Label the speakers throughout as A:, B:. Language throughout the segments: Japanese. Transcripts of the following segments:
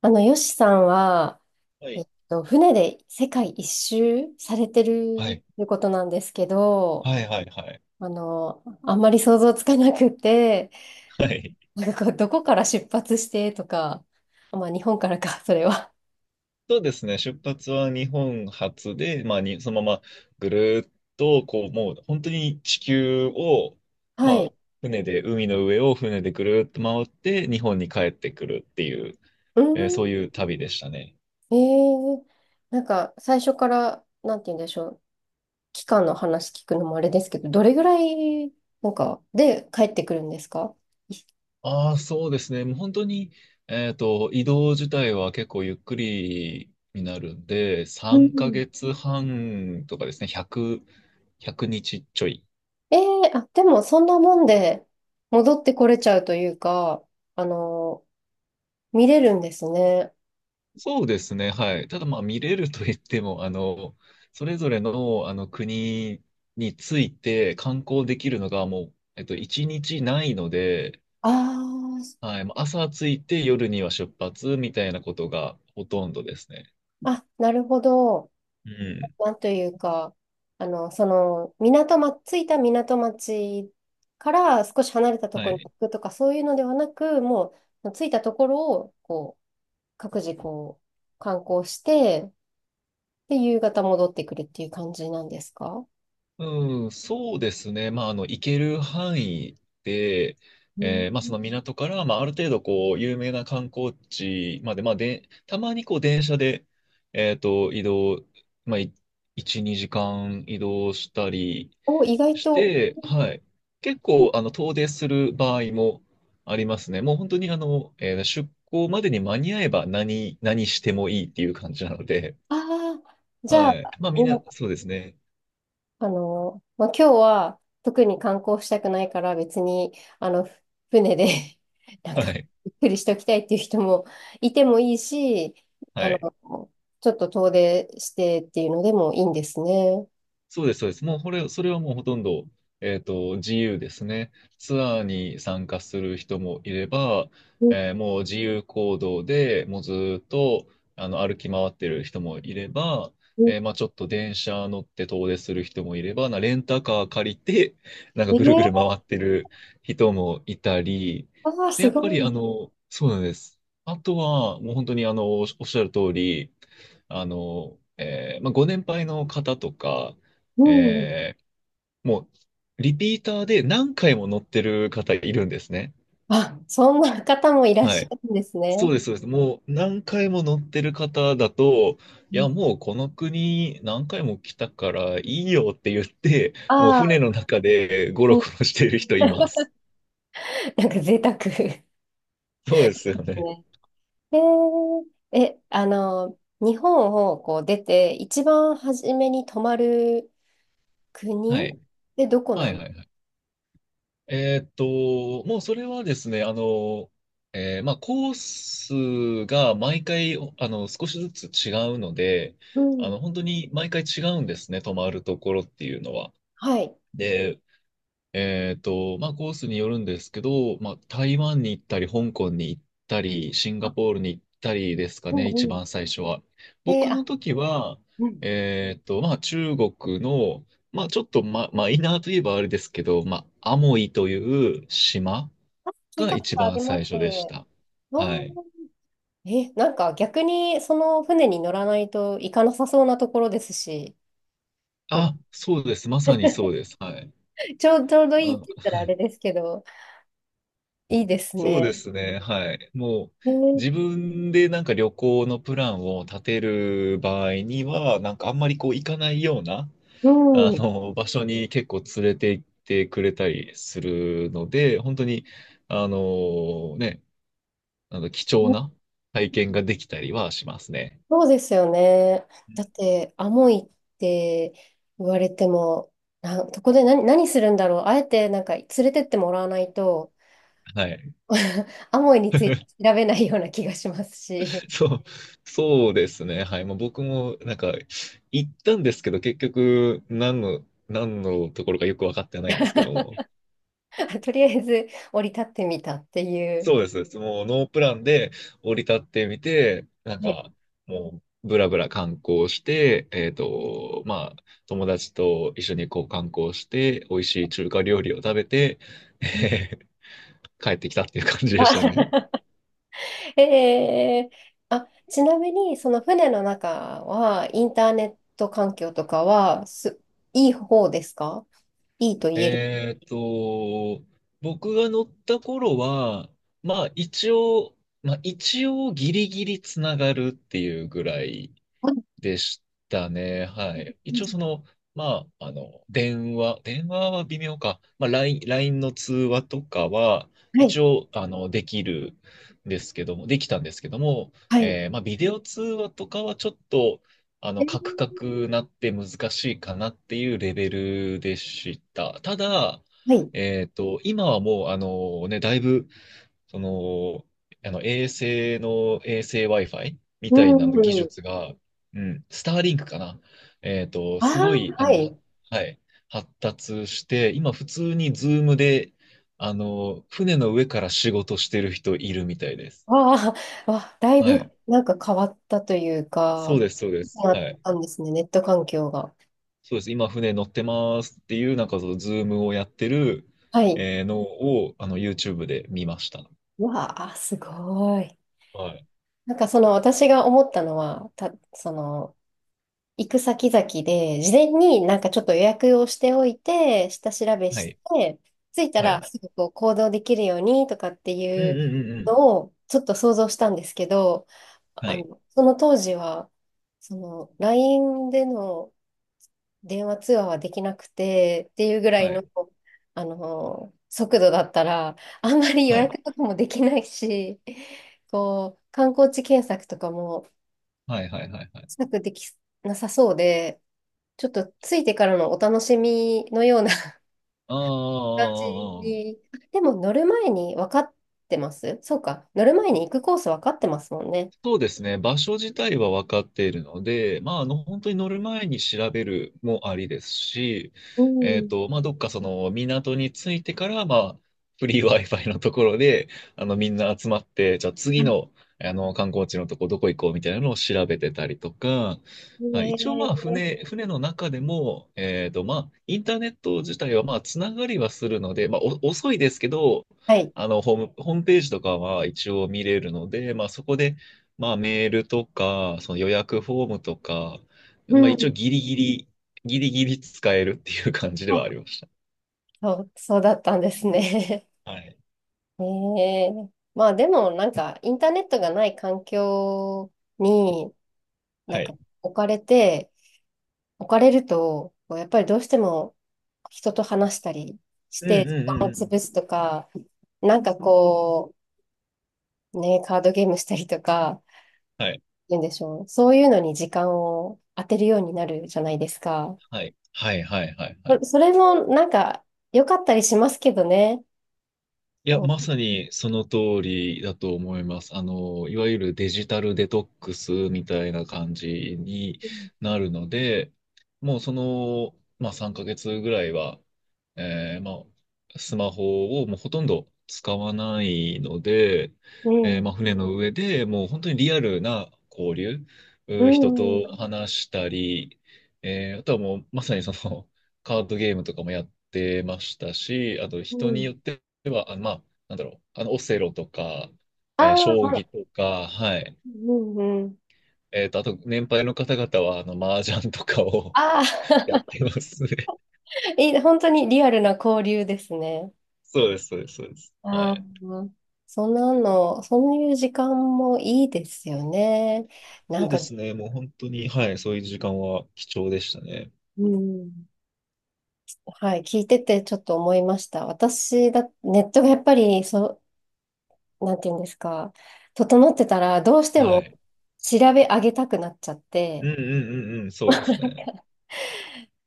A: ヨシさんは、
B: はい。
A: 船で世界一周されて
B: は
A: る
B: い。
A: ということなんですけど、
B: はい、はい、はい。
A: あんまり想像つかなくて、
B: はい。
A: なんかこう、どこから出発してとか、まあ、日本からか、それは。
B: そうですね。出発は日本初で、まあ、そのままぐるーっと、こう、もう本当に地球を、ま
A: は
B: あ、
A: い。
B: 船で、海の上を船でぐるーっと回って、日本に帰ってくるっていう、
A: うー
B: そう
A: ん。
B: いう旅でしたね。
A: えー、なんか、最初から、なんて言うんでしょう、期間の話聞くのもあれですけど、どれぐらい、なんか、で帰ってくるんですか？
B: ああ、そうですね。もう本当に、移動自体は結構ゆっくりになるんで、
A: う
B: 3
A: ん。
B: ヶ月半とかですね、1 0 100日ちょい。
A: ええ、あ、でもそんなもんで戻ってこれちゃうというか、あの、見れるんですね。
B: そうですね、はい。ただまあ見れると言っても、あの、それぞれの、あの国について観光できるのがもう、一日ないので、
A: あ
B: はい、もう朝着いて夜には出発みたいなことがほとんどですね。
A: あ、あ、なるほど。
B: うん。
A: なんというか、着いた港町から少し離れたと
B: は
A: ころに行
B: い。
A: くとか、そういうのではなく、もう、着いたところを、こう、各自こう、観光して、で、夕方戻ってくるっていう感じなんですか？
B: うん、そうですね。まあ、あの、行ける範囲で、
A: うん。
B: まあ、その港から、まあ、ある程度、こう、有名な観光地まで、まあ、で、たまに、こう、電車で、移動、まあ、1、2時間移動したり
A: お、意外
B: し
A: と。
B: て、はい。結構、あの、遠出する場合もありますね。もう本当に、あの、出港までに間に合えば何してもいいっていう感じなので、
A: ああ、じゃ
B: はい。
A: あ、
B: まあ、みんな、そうですね。
A: まあ、今日は特に観光したくないから別に、あの、ふ船で なん
B: は
A: か、
B: い。
A: ゆっくりしておきたいっていう人もいてもいいし、
B: は
A: あの、
B: い。
A: ちょっと遠出してっていうのでもいいんですね。
B: そうです、そうです。もうそれはもうほとんど、自由ですね。ツアーに参加する人もいれば、
A: うん
B: もう自由行動でもうずーっとあの歩き回ってる人もいれば、
A: うん。
B: まあ、ちょっと電車乗って遠出する人もいれば、レンタカー借りて、なんか
A: え
B: ぐるぐる
A: ー、
B: 回ってる人もいたり、
A: ああ、
B: で、
A: す
B: やっ
A: ご
B: ぱり
A: い。
B: あの、そうなんです。あとは、もう本当にあの、おっしゃる通り、あの、まあ、ご年配の方とか、
A: うん。
B: えー、もう、リピーターで何回も乗ってる方いるんですね。
A: あ、そんな方もいらっ
B: は
A: し
B: い。
A: ゃるんです
B: そう
A: ね。
B: です、そうです。もう何回も乗ってる方だと、いや、もうこの国何回も来たからいいよって言って、もう
A: あ
B: 船
A: あ
B: の中でゴ
A: ー、
B: ロ
A: う
B: ゴ
A: ん。
B: ロしてる人いま す。
A: なんか贅沢。
B: そうですよね。
A: ね。へえ。え、日本をこう出て、一番初めに泊まる
B: は
A: 国
B: い。
A: でどこ
B: は
A: な
B: い
A: んで
B: は
A: す
B: いは
A: か？
B: い。もうそれはですね、あの、まあ、コースが毎回、あの、少しずつ違うので、
A: う
B: あ
A: ん。
B: の、本当に毎回違うんですね、泊まるところっていうのは。
A: はい。
B: で、まあ、コースによるんですけど、まあ、台湾に行ったり、香港に行ったり、シンガ
A: あ、
B: ポールに行ったりですか
A: う
B: ね、
A: ん
B: 一
A: う
B: 番最初は。
A: ん。え、
B: 僕の
A: あ、
B: 時は、
A: うん。
B: まあ、中国の、まあ、ちょっと、マイナーといえばあれですけど、まあ、アモイという島
A: 聞い
B: が
A: たこ
B: 一
A: とあ
B: 番
A: りま
B: 最
A: す。
B: 初でし
A: わ
B: た。はい。
A: ー。え、なんか逆にその船に乗らないと行かなさそうなところですし、
B: あ、そうです。まさにそうです。はい。
A: うん、ちょうどいいって言っ
B: あ
A: たらあれですけど、いいです
B: そうで
A: ね。
B: すね。はい。もう、
A: え
B: 自
A: ー。
B: 分でなんか旅行のプランを立てる場合には、なんかあんまりこう行かないような、
A: う
B: あ
A: ん。
B: の、場所に結構連れて行ってくれたりするので、本当に、あの、ね、あの、貴重な体験ができたりはしますね。
A: そうですよね。だって、アモイって言われても、な、そこで何するんだろう。あえて、なんか、連れてってもらわないと、
B: はい。
A: アモイについて調べないような気がしますし、
B: そう、そうですね。はい。まあ、僕もなんか行ったんですけど、結局何のところかよく分かってないんですけども、
A: とりあえず降り立ってみたっていう。
B: そうです。もうノープランで降り立ってみて、なん
A: ね。
B: かもうブラブラ観光して、まあ友達と一緒にこう観光して、美味しい中華料理を食べて、えー帰ってきたっていう感じで
A: あ。
B: したね。
A: えー、あ、ちなみに、その船の中は、インターネット環境とかは、いい方ですか？いいと言える。
B: えっと、僕が乗った頃は、まあ一応、まあ一応ギリギリつながるっていうぐらい
A: あ、
B: でしたね。はい。一応その、まあ、あの、電話は微妙か。まあ、ラインの通話とかは、
A: はい。
B: 一応、あの、できたんですけども、
A: はい。
B: まあ、ビデオ通話とかはちょっと、あ
A: は
B: の、
A: い。
B: カクカクなって難しいかなっていうレベルでした。ただ、
A: はい。
B: 今はもう、あのね、だいぶその、あの衛星 Wi-Fi み
A: う
B: たいな技
A: ん。
B: 術が、うん、スターリンクかな。
A: あ
B: すご
A: あ、
B: い、あ
A: は
B: の、
A: い。
B: はい、発達して、今普通にズームで、あの、船の上から仕事してる人いるみたいです。
A: ああ、だい
B: は
A: ぶ
B: い。
A: なんか変わったという
B: そう
A: か、
B: です、そうです。
A: あっ
B: はい。
A: たんですね、ネット環境が。
B: そうです。今船乗ってますっていう、なんかそのズームをやってる、
A: はい。
B: のを、あの、YouTube で見ました。
A: わあ、すごい。
B: はい。
A: なんかその私が思ったのは、その、行く先々で、事前になんかちょっと予約をしておいて、下調べ
B: は
A: し
B: い。
A: て、着いた
B: はい。
A: らすぐこう行動できるようにとかって
B: うん
A: い
B: う
A: う
B: んうんうん。
A: のをちょっと想像したんですけど、
B: はい。
A: その当時は、その LINE での電話通話はできなくてっていうぐらい
B: は
A: の、
B: い。
A: 速度だったら、あんまり予
B: はい。
A: 約とかもできないし、こう、観光地検索とかも
B: はいはいはいはい。
A: したくできなさそうで、ちょっとついてからのお楽しみのような
B: ああ、あ
A: 感
B: あ、
A: じ
B: ああ。
A: に。あ、でも乗る前に分かってます、そうか。乗る前に行くコース分かってますもんね。
B: そうですね。場所自体は分かっているので、まあ、あの、本当に乗る前に調べるもありですし、
A: うん。
B: まあ、どっかその港に着いてから、まあ、フリー Wi-Fi のところで、あの、みんな集まって、じゃあ次
A: あ。
B: の、あの、観光地のとこどこ行こうみたいなのを調べてたりとか、
A: ね
B: まあ一応まあ、
A: え。
B: 船の中でも、まあ、インターネット自体はまあ、つながりはするので、まあ、お遅いですけど、
A: はい。
B: あの、ホームページとかは一応見れるので、まあ、そこで、まあメールとか、その予約フォームとか、
A: う
B: まあ一応
A: ん。
B: ギリギリ、ギリギリ使えるっていう感じで
A: あ、
B: はありまし
A: そうだったんですね。
B: た。はい。
A: ねえ。まあでもなんかインターネットがない環境にな
B: は
A: ん
B: い。
A: か置かれると、こうやっぱりどうしても人と話したりし
B: うんう
A: て
B: ん
A: 時
B: うん
A: 間を
B: う
A: 潰
B: ん。
A: すとか、なんかこう、ね、カードゲームしたりとか、
B: はい。
A: 言うんでしょう。そういうのに時間を当てるようになるじゃないですか。
B: はい。はいはいはいはい。
A: それもなんか良かったりしますけどね。
B: いや、
A: こ
B: まさにその通りだと思います。あの、いわゆるデジタルデトックスみたいな感じに
A: う、
B: なるので、もうその、まあ3ヶ月ぐらいは、まあ、スマホをもうほとんど使わないので、
A: うん、
B: まあ船の上でもう本当にリアルな交流、
A: う
B: 人
A: ん、う
B: と
A: ん。
B: 話したり、あとはもうまさにその カードゲームとかもやってましたし、あと
A: う
B: 人に
A: ん。
B: よってでは、まあ、なんだろう、あの、オセロとか、
A: ああ、
B: 将
A: は
B: 棋
A: い。
B: とか、はい。
A: うん、うん。
B: あと、年配の方々は、あの、麻雀とかを
A: あ
B: やっ
A: あ、
B: てますね。
A: いい、本当にリアルな交流ですね。
B: そうです、そうです、そうです。は
A: ああ、
B: い。
A: そんなの、そういう時間もいいですよね。な
B: そ
A: ん
B: うで
A: か、
B: すね、もう本当に、はい、そういう時間は貴重でしたね。
A: うん、はい、聞いててちょっと思いました。私だ、ネットがやっぱりなんていうんですか、整ってたら、どうして
B: は
A: も
B: い。
A: 調べ上げたくなっちゃっ
B: う
A: て、
B: んうんうんうん、そうで
A: な
B: す
A: ん
B: ね。
A: か、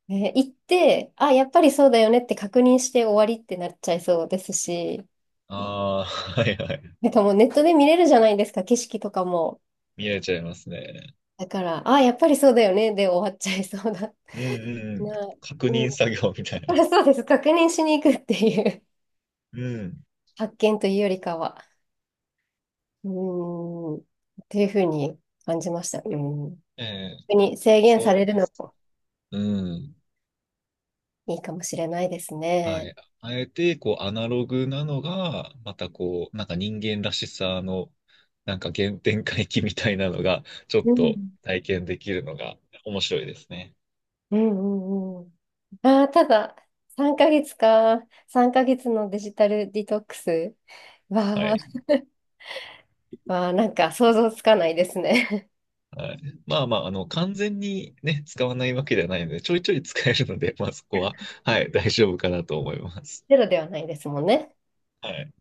A: ね、行って、あ、やっぱりそうだよねって確認して終わりってなっちゃいそうですし、
B: ああ、はいはい。
A: なんかもうネットで見れるじゃないですか、景色とかも。
B: 見えちゃいますね。
A: だから、あ、やっぱりそうだよねで終わっちゃいそうだ
B: うんうんうん。
A: な。
B: 確
A: うん、
B: 認作業みたい
A: だか
B: な。
A: らそうです。確認しに行くっていう
B: うん。
A: 発見というよりかは、うーん、っていうふうに感じました。うん。
B: ええ、
A: 特に制限さ
B: そ
A: れ
B: う
A: る
B: で
A: の
B: す。
A: も
B: うん。
A: いいかもしれないです
B: は
A: ね。
B: い。あえて、こう、アナログなのが、またこう、なんか人間らしさの、なんか原点回帰みたいなのが、ちょっ
A: うん。
B: と体験できるのが面白いですね。
A: うんうんうん。ああ、ただ、3ヶ月か。3ヶ月のデジタルディトックスは、
B: はい。
A: わあ、なんか想像つかないですね。
B: はい。まあまあ、あの、完全にね、使わないわけではないので、ちょいちょい使えるので、まあそこは、はい、大丈夫かなと思います。
A: ゼロではないですもんね。
B: はい。